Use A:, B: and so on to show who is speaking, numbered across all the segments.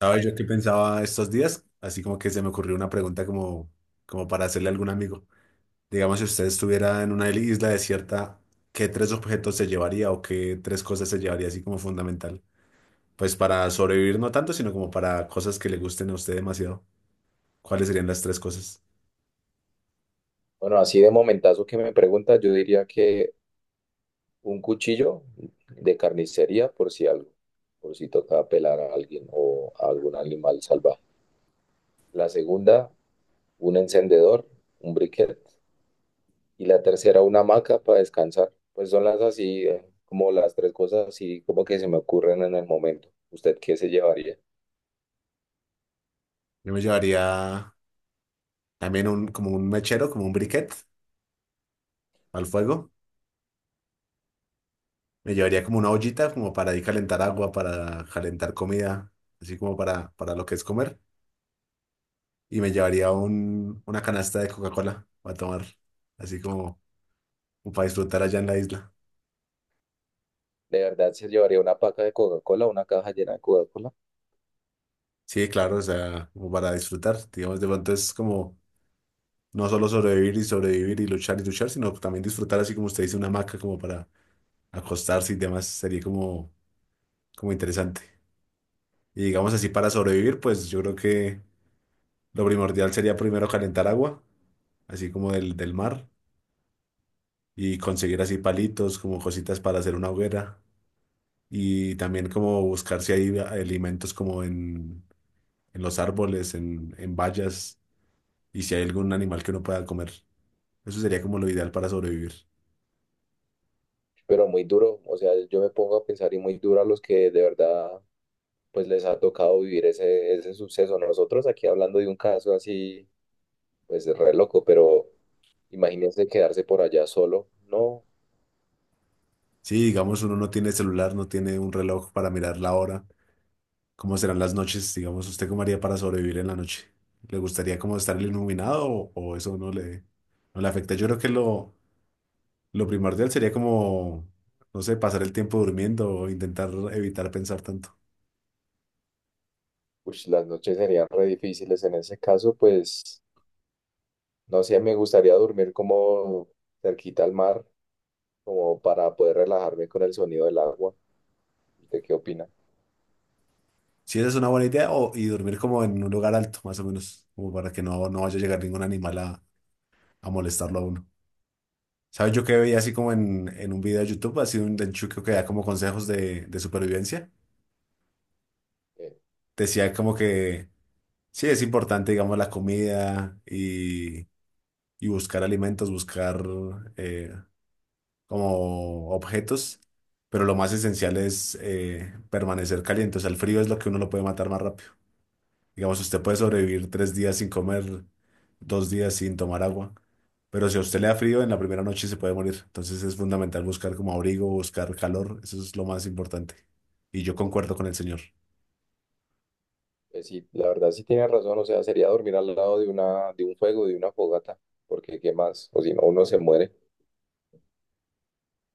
A: ¿Sabes? Yo que pensaba estos días, así como que se me ocurrió una pregunta como, como para hacerle a algún amigo. Digamos, si usted estuviera en una isla desierta, ¿qué tres objetos se llevaría o qué tres cosas se llevaría así como fundamental? Pues para sobrevivir no tanto, sino como para cosas que le gusten a usted demasiado. ¿Cuáles serían las tres cosas?
B: Bueno, así de momentazo que me preguntas, yo diría que un cuchillo de carnicería por si algo, por si toca pelar a alguien o a algún animal salvaje. La segunda, un encendedor, un briquet. Y la tercera, una hamaca para descansar. Pues son las así, como las tres cosas así como que se me ocurren en el momento. ¿Usted qué se llevaría?
A: Yo me llevaría también como un mechero, como un briquet al fuego. Me llevaría como una ollita como para ahí calentar agua, para calentar comida, así como para lo que es comer. Y me llevaría una canasta de Coca-Cola a tomar, así como, como para disfrutar allá en la isla.
B: De verdad se llevaría una paca de Coca-Cola, una caja llena de Coca-Cola,
A: Sí, claro, o sea, como para disfrutar, digamos, de pronto es como no solo sobrevivir y sobrevivir y luchar, sino también disfrutar, así como usted dice, una hamaca como para acostarse y demás, sería como, como interesante. Y digamos así, para sobrevivir, pues yo creo que lo primordial sería primero calentar agua, así como del mar, y conseguir así palitos, como cositas para hacer una hoguera, y también como buscar si hay alimentos como en los árboles, en bayas, y si hay algún animal que uno pueda comer. Eso sería como lo ideal para sobrevivir.
B: pero muy duro. O sea, yo me pongo a pensar y muy duro a los que de verdad pues les ha tocado vivir ese suceso. Nosotros aquí hablando de un caso así, pues re loco, pero imagínense quedarse por allá solo. No,
A: Sí, digamos, uno no tiene celular, no tiene un reloj para mirar la hora, ¿cómo serán las noches? Digamos, ¿usted cómo haría para sobrevivir en la noche? ¿Le gustaría como estar iluminado o eso no le afecta? Yo creo que lo primordial sería como, no sé, pasar el tiempo durmiendo o intentar evitar pensar tanto.
B: ush, las noches serían re difíciles en ese caso, pues no sé, me gustaría dormir como cerquita al mar, como para poder relajarme con el sonido del agua. ¿Usted qué opina?
A: Si esa es una buena idea. O, y dormir como en un lugar alto, más o menos, como para que no vaya a llegar ningún animal a molestarlo a uno. ¿Sabes? Yo que veía así como en un video de YouTube, así un denchuque que da como consejos de supervivencia.
B: Eh,
A: Decía como que sí, es importante, digamos, la comida y buscar alimentos, buscar eh, como objetos, pero lo más esencial es permanecer caliente. O sea, el frío es lo que uno lo puede matar más rápido. Digamos, usted puede sobrevivir 3 días sin comer, 2 días sin tomar agua, pero si a usted le da frío, en la primera noche se puede morir. Entonces es fundamental buscar como abrigo, buscar calor, eso es lo más importante. Y yo concuerdo con el señor.
B: sí, la verdad sí tiene razón, o sea, sería dormir al lado de de un fuego, de una fogata, porque qué más, o si no, uno se muere.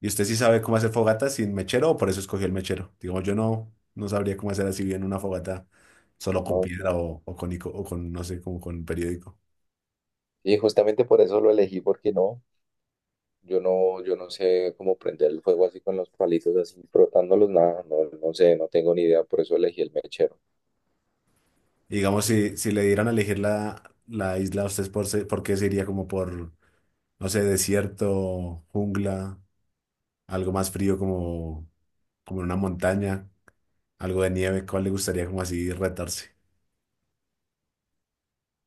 A: ¿Y usted sí sabe cómo hacer fogata sin mechero o por eso escogió el mechero? Digamos, yo no, no sabría cómo hacer así bien una fogata solo con
B: No, sí.
A: piedra o con, ico- o con, no sé, como con periódico.
B: Y justamente por eso lo elegí, porque no. Yo no sé cómo prender el fuego así con los palitos así frotándolos, nada, no, no sé, no tengo ni idea, por eso elegí el mechero.
A: Y digamos, si, si le dieran a elegir la isla, ¿usted por, se- por qué se iría como por, no sé, desierto, jungla? Algo más frío como, como en una montaña, algo de nieve, ¿cuál le gustaría como así retarse?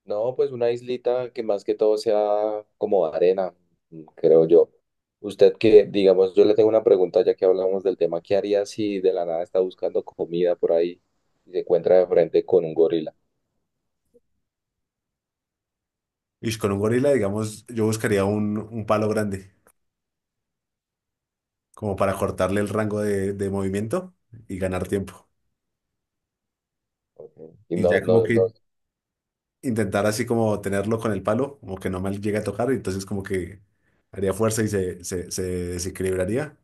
B: No, pues una islita que más que todo sea como arena, creo yo. Usted que, digamos, yo le tengo una pregunta ya que hablamos del tema, ¿qué haría si de la nada está buscando comida por ahí y se encuentra de frente con un gorila?
A: Y con un gorila, digamos, yo buscaría un palo grande, como para cortarle el rango de movimiento y ganar tiempo.
B: Ok. Y
A: Y
B: no,
A: ya como
B: no, no,
A: que intentar así como tenerlo con el palo, como que no me llegue a tocar, y entonces como que haría fuerza y se desequilibraría.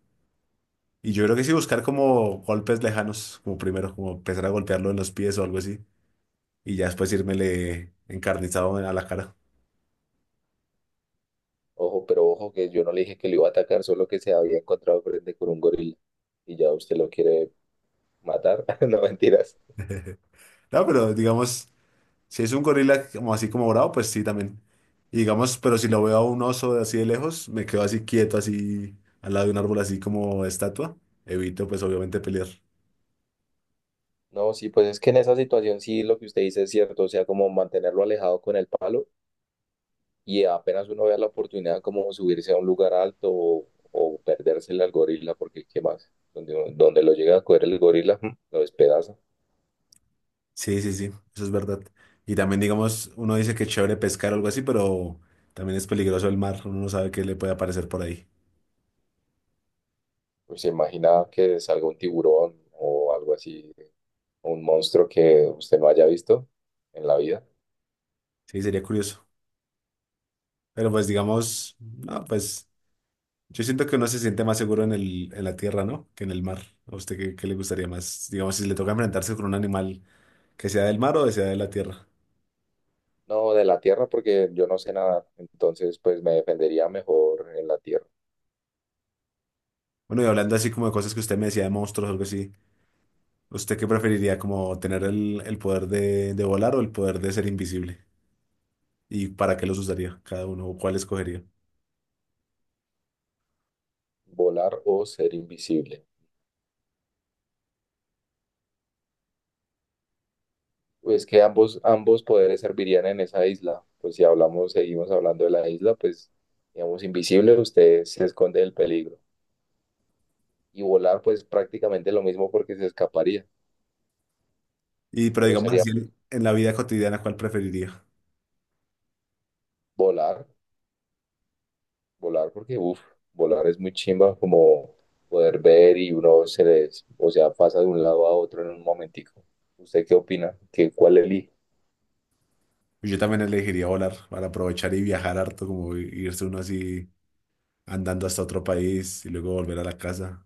A: Y yo creo que sí buscar como golpes lejanos, como primero, como empezar a golpearlo en los pies o algo así, y ya después írmele encarnizado a la cara.
B: ojo, pero ojo que yo no le dije que le iba a atacar, solo que se había encontrado de frente con un gorila y ya usted lo quiere matar, no mentiras.
A: Claro, pero digamos, si es un gorila como así como bravo, pues sí también. Y digamos, pero si lo veo a un oso de así de lejos, me quedo así quieto, así al lado de un árbol, así como estatua. Evito, pues obviamente pelear.
B: No, sí, pues es que en esa situación sí lo que usted dice es cierto, o sea, como mantenerlo alejado con el palo y apenas uno vea la oportunidad como subirse a un lugar alto o perdérsele al gorila, porque qué más, donde lo llega a coger el gorila, lo despedaza.
A: Sí, sí, sí, eso es verdad. Y también, digamos, uno dice que es chévere pescar o algo así, pero también es peligroso el mar. Uno no sabe qué le puede aparecer por ahí.
B: Pues se imagina que salga un tiburón o algo así, un monstruo que usted no haya visto en la vida.
A: Sí, sería curioso. Pero pues digamos, no, pues yo siento que uno se siente más seguro en el, en la tierra, ¿no? Que en el mar. ¿A usted qué, qué le gustaría más? Digamos, si le toca enfrentarse con un animal. Que sea del mar o de sea de la tierra.
B: No, de la tierra porque yo no sé nadar entonces pues me defendería mejor en la tierra,
A: Bueno, y hablando así como de cosas que usted me decía de monstruos o algo así, ¿usted qué preferiría? ¿Como tener el poder de volar o el poder de ser invisible? ¿Y para qué los usaría cada uno o cuál escogería?
B: volar o ser invisible. Pues que ambos poderes servirían en esa isla. Pues si hablamos, seguimos hablando de la isla, pues digamos invisible, usted se esconde del peligro. Y volar, pues prácticamente lo mismo porque se escaparía.
A: Y pero
B: Pero
A: digamos
B: sería
A: así, en la vida cotidiana, ¿cuál preferiría?
B: volar, volar porque, uff, volar es muy chimba como poder ver y uno se les, o sea, pasa de un lado a otro en un momentico. ¿Usted qué opina? ¿Qué, cuál elige?
A: Pues yo también elegiría volar para aprovechar y viajar harto, como i- irse uno así andando hasta otro país y luego volver a la casa.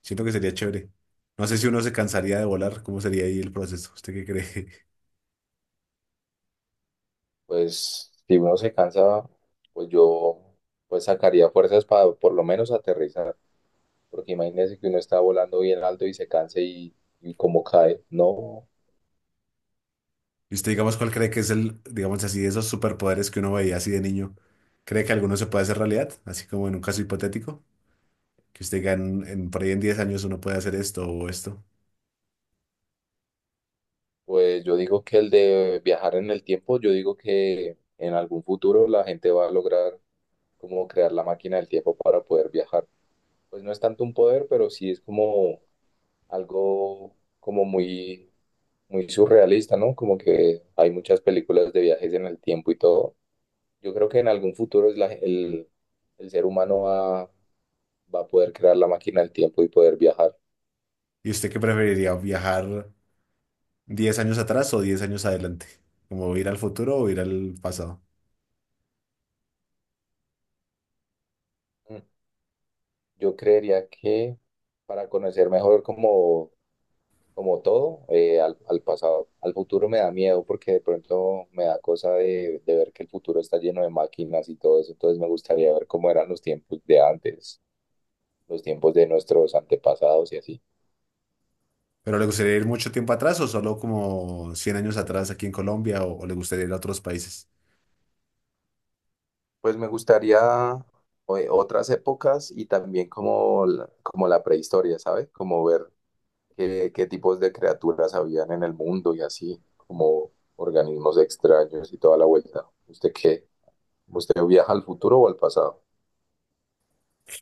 A: Siento que sería chévere. No sé si uno se cansaría de volar, ¿cómo sería ahí el proceso? ¿Usted qué cree?
B: Pues si uno se cansa, pues yo pues sacaría fuerzas para por lo menos aterrizar. Porque imagínese que uno está volando bien alto y se canse y cómo cae. No,
A: ¿Y usted, digamos, cuál cree que es el, digamos así, de esos superpoderes que uno veía así de niño? ¿Cree que alguno se puede hacer realidad? Así como en un caso hipotético, que usted diga en- por ahí en 10 años uno puede hacer esto o esto.
B: pues yo digo que el de viajar en el tiempo, yo digo que en algún futuro la gente va a lograr como crear la máquina del tiempo para poder viajar. Pues no es tanto un poder, pero sí es como algo como muy, muy surrealista, ¿no? Como que hay muchas películas de viajes en el tiempo y todo. Yo creo que en algún futuro es el ser humano va a poder crear la máquina del tiempo y poder viajar.
A: ¿Y usted qué preferiría, viajar 10 años atrás o 10 años adelante? ¿Como ir al futuro o ir al pasado?
B: Mm. Yo creería que para conocer mejor como todo, al pasado, al futuro me da miedo porque de pronto me da cosa de ver que el futuro está lleno de máquinas y todo eso, entonces me gustaría ver cómo eran los tiempos de antes, los tiempos de nuestros antepasados y así.
A: ¿Pero le gustaría ir mucho tiempo atrás o solo como 100 años atrás aquí en Colombia o le gustaría ir a otros países?
B: Pues me gustaría otras épocas y también como la prehistoria, ¿sabes? Como ver qué tipos de criaturas habían en el mundo y así, como organismos extraños y toda la vuelta. ¿Usted qué? ¿Usted viaja al futuro o al pasado?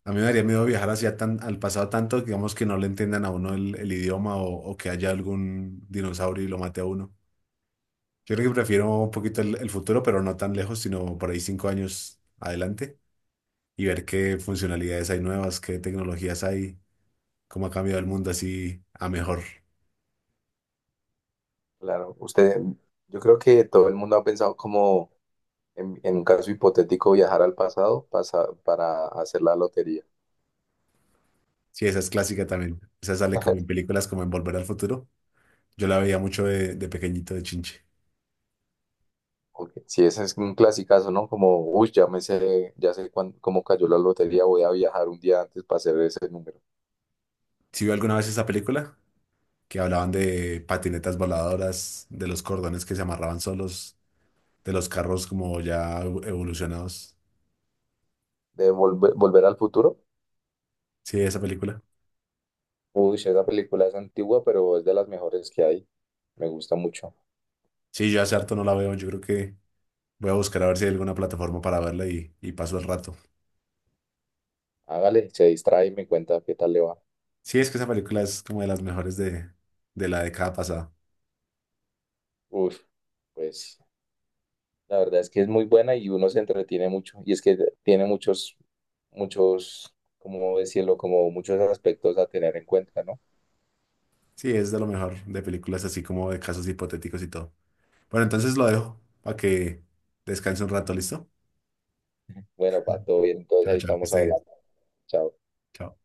A: A mí me daría miedo viajar hacia tan, al pasado tanto, digamos, que no le entiendan a uno el idioma o que haya algún dinosaurio y lo mate a uno. Yo creo que prefiero un poquito el futuro, pero no tan lejos, sino por ahí 5 años adelante, y ver qué funcionalidades hay nuevas, qué tecnologías hay, cómo ha cambiado el mundo así a mejor.
B: Claro, usted, yo creo que todo el mundo ha pensado como en un caso hipotético viajar al pasado para hacer la lotería.
A: Sí, esa es clásica también. Esa sale como en películas como en Volver al Futuro. Yo la veía mucho de pequeñito, de chinche.
B: Ok, sí, ese es un clasicazo, ¿no? Como, uy, ya me sé, ya sé cómo cayó la lotería, voy a viajar un día antes para hacer ese número.
A: ¿Sí vio alguna vez esa película? Que hablaban de patinetas voladoras, de los cordones que se amarraban solos, de los carros como ya evo- evolucionados.
B: De volver al futuro.
A: Sí, esa película.
B: Uy, sí, esa película es antigua, pero es de las mejores que hay. Me gusta mucho.
A: Sí, yo hace harto no la veo. Yo creo que voy a buscar a ver si hay alguna plataforma para verla y paso el rato.
B: Hágale, se distrae y me cuenta qué tal le va.
A: Sí, es que esa película es como de las mejores de la década pasada.
B: Uf, pues la verdad es que es muy buena y uno se entretiene mucho. Y es que tiene muchos, muchos, ¿cómo decirlo? Como muchos aspectos a tener en cuenta, ¿no?
A: Sí, es de lo mejor de películas así como de casos hipotéticos y todo. Bueno, entonces lo
B: Ya.
A: dejo para que descanse un rato, ¿listo?
B: Bueno, va todo bien, entonces
A: Chao,
B: ahí
A: chao, que
B: estamos
A: esté bien.
B: hablando. Chao.
A: Chao.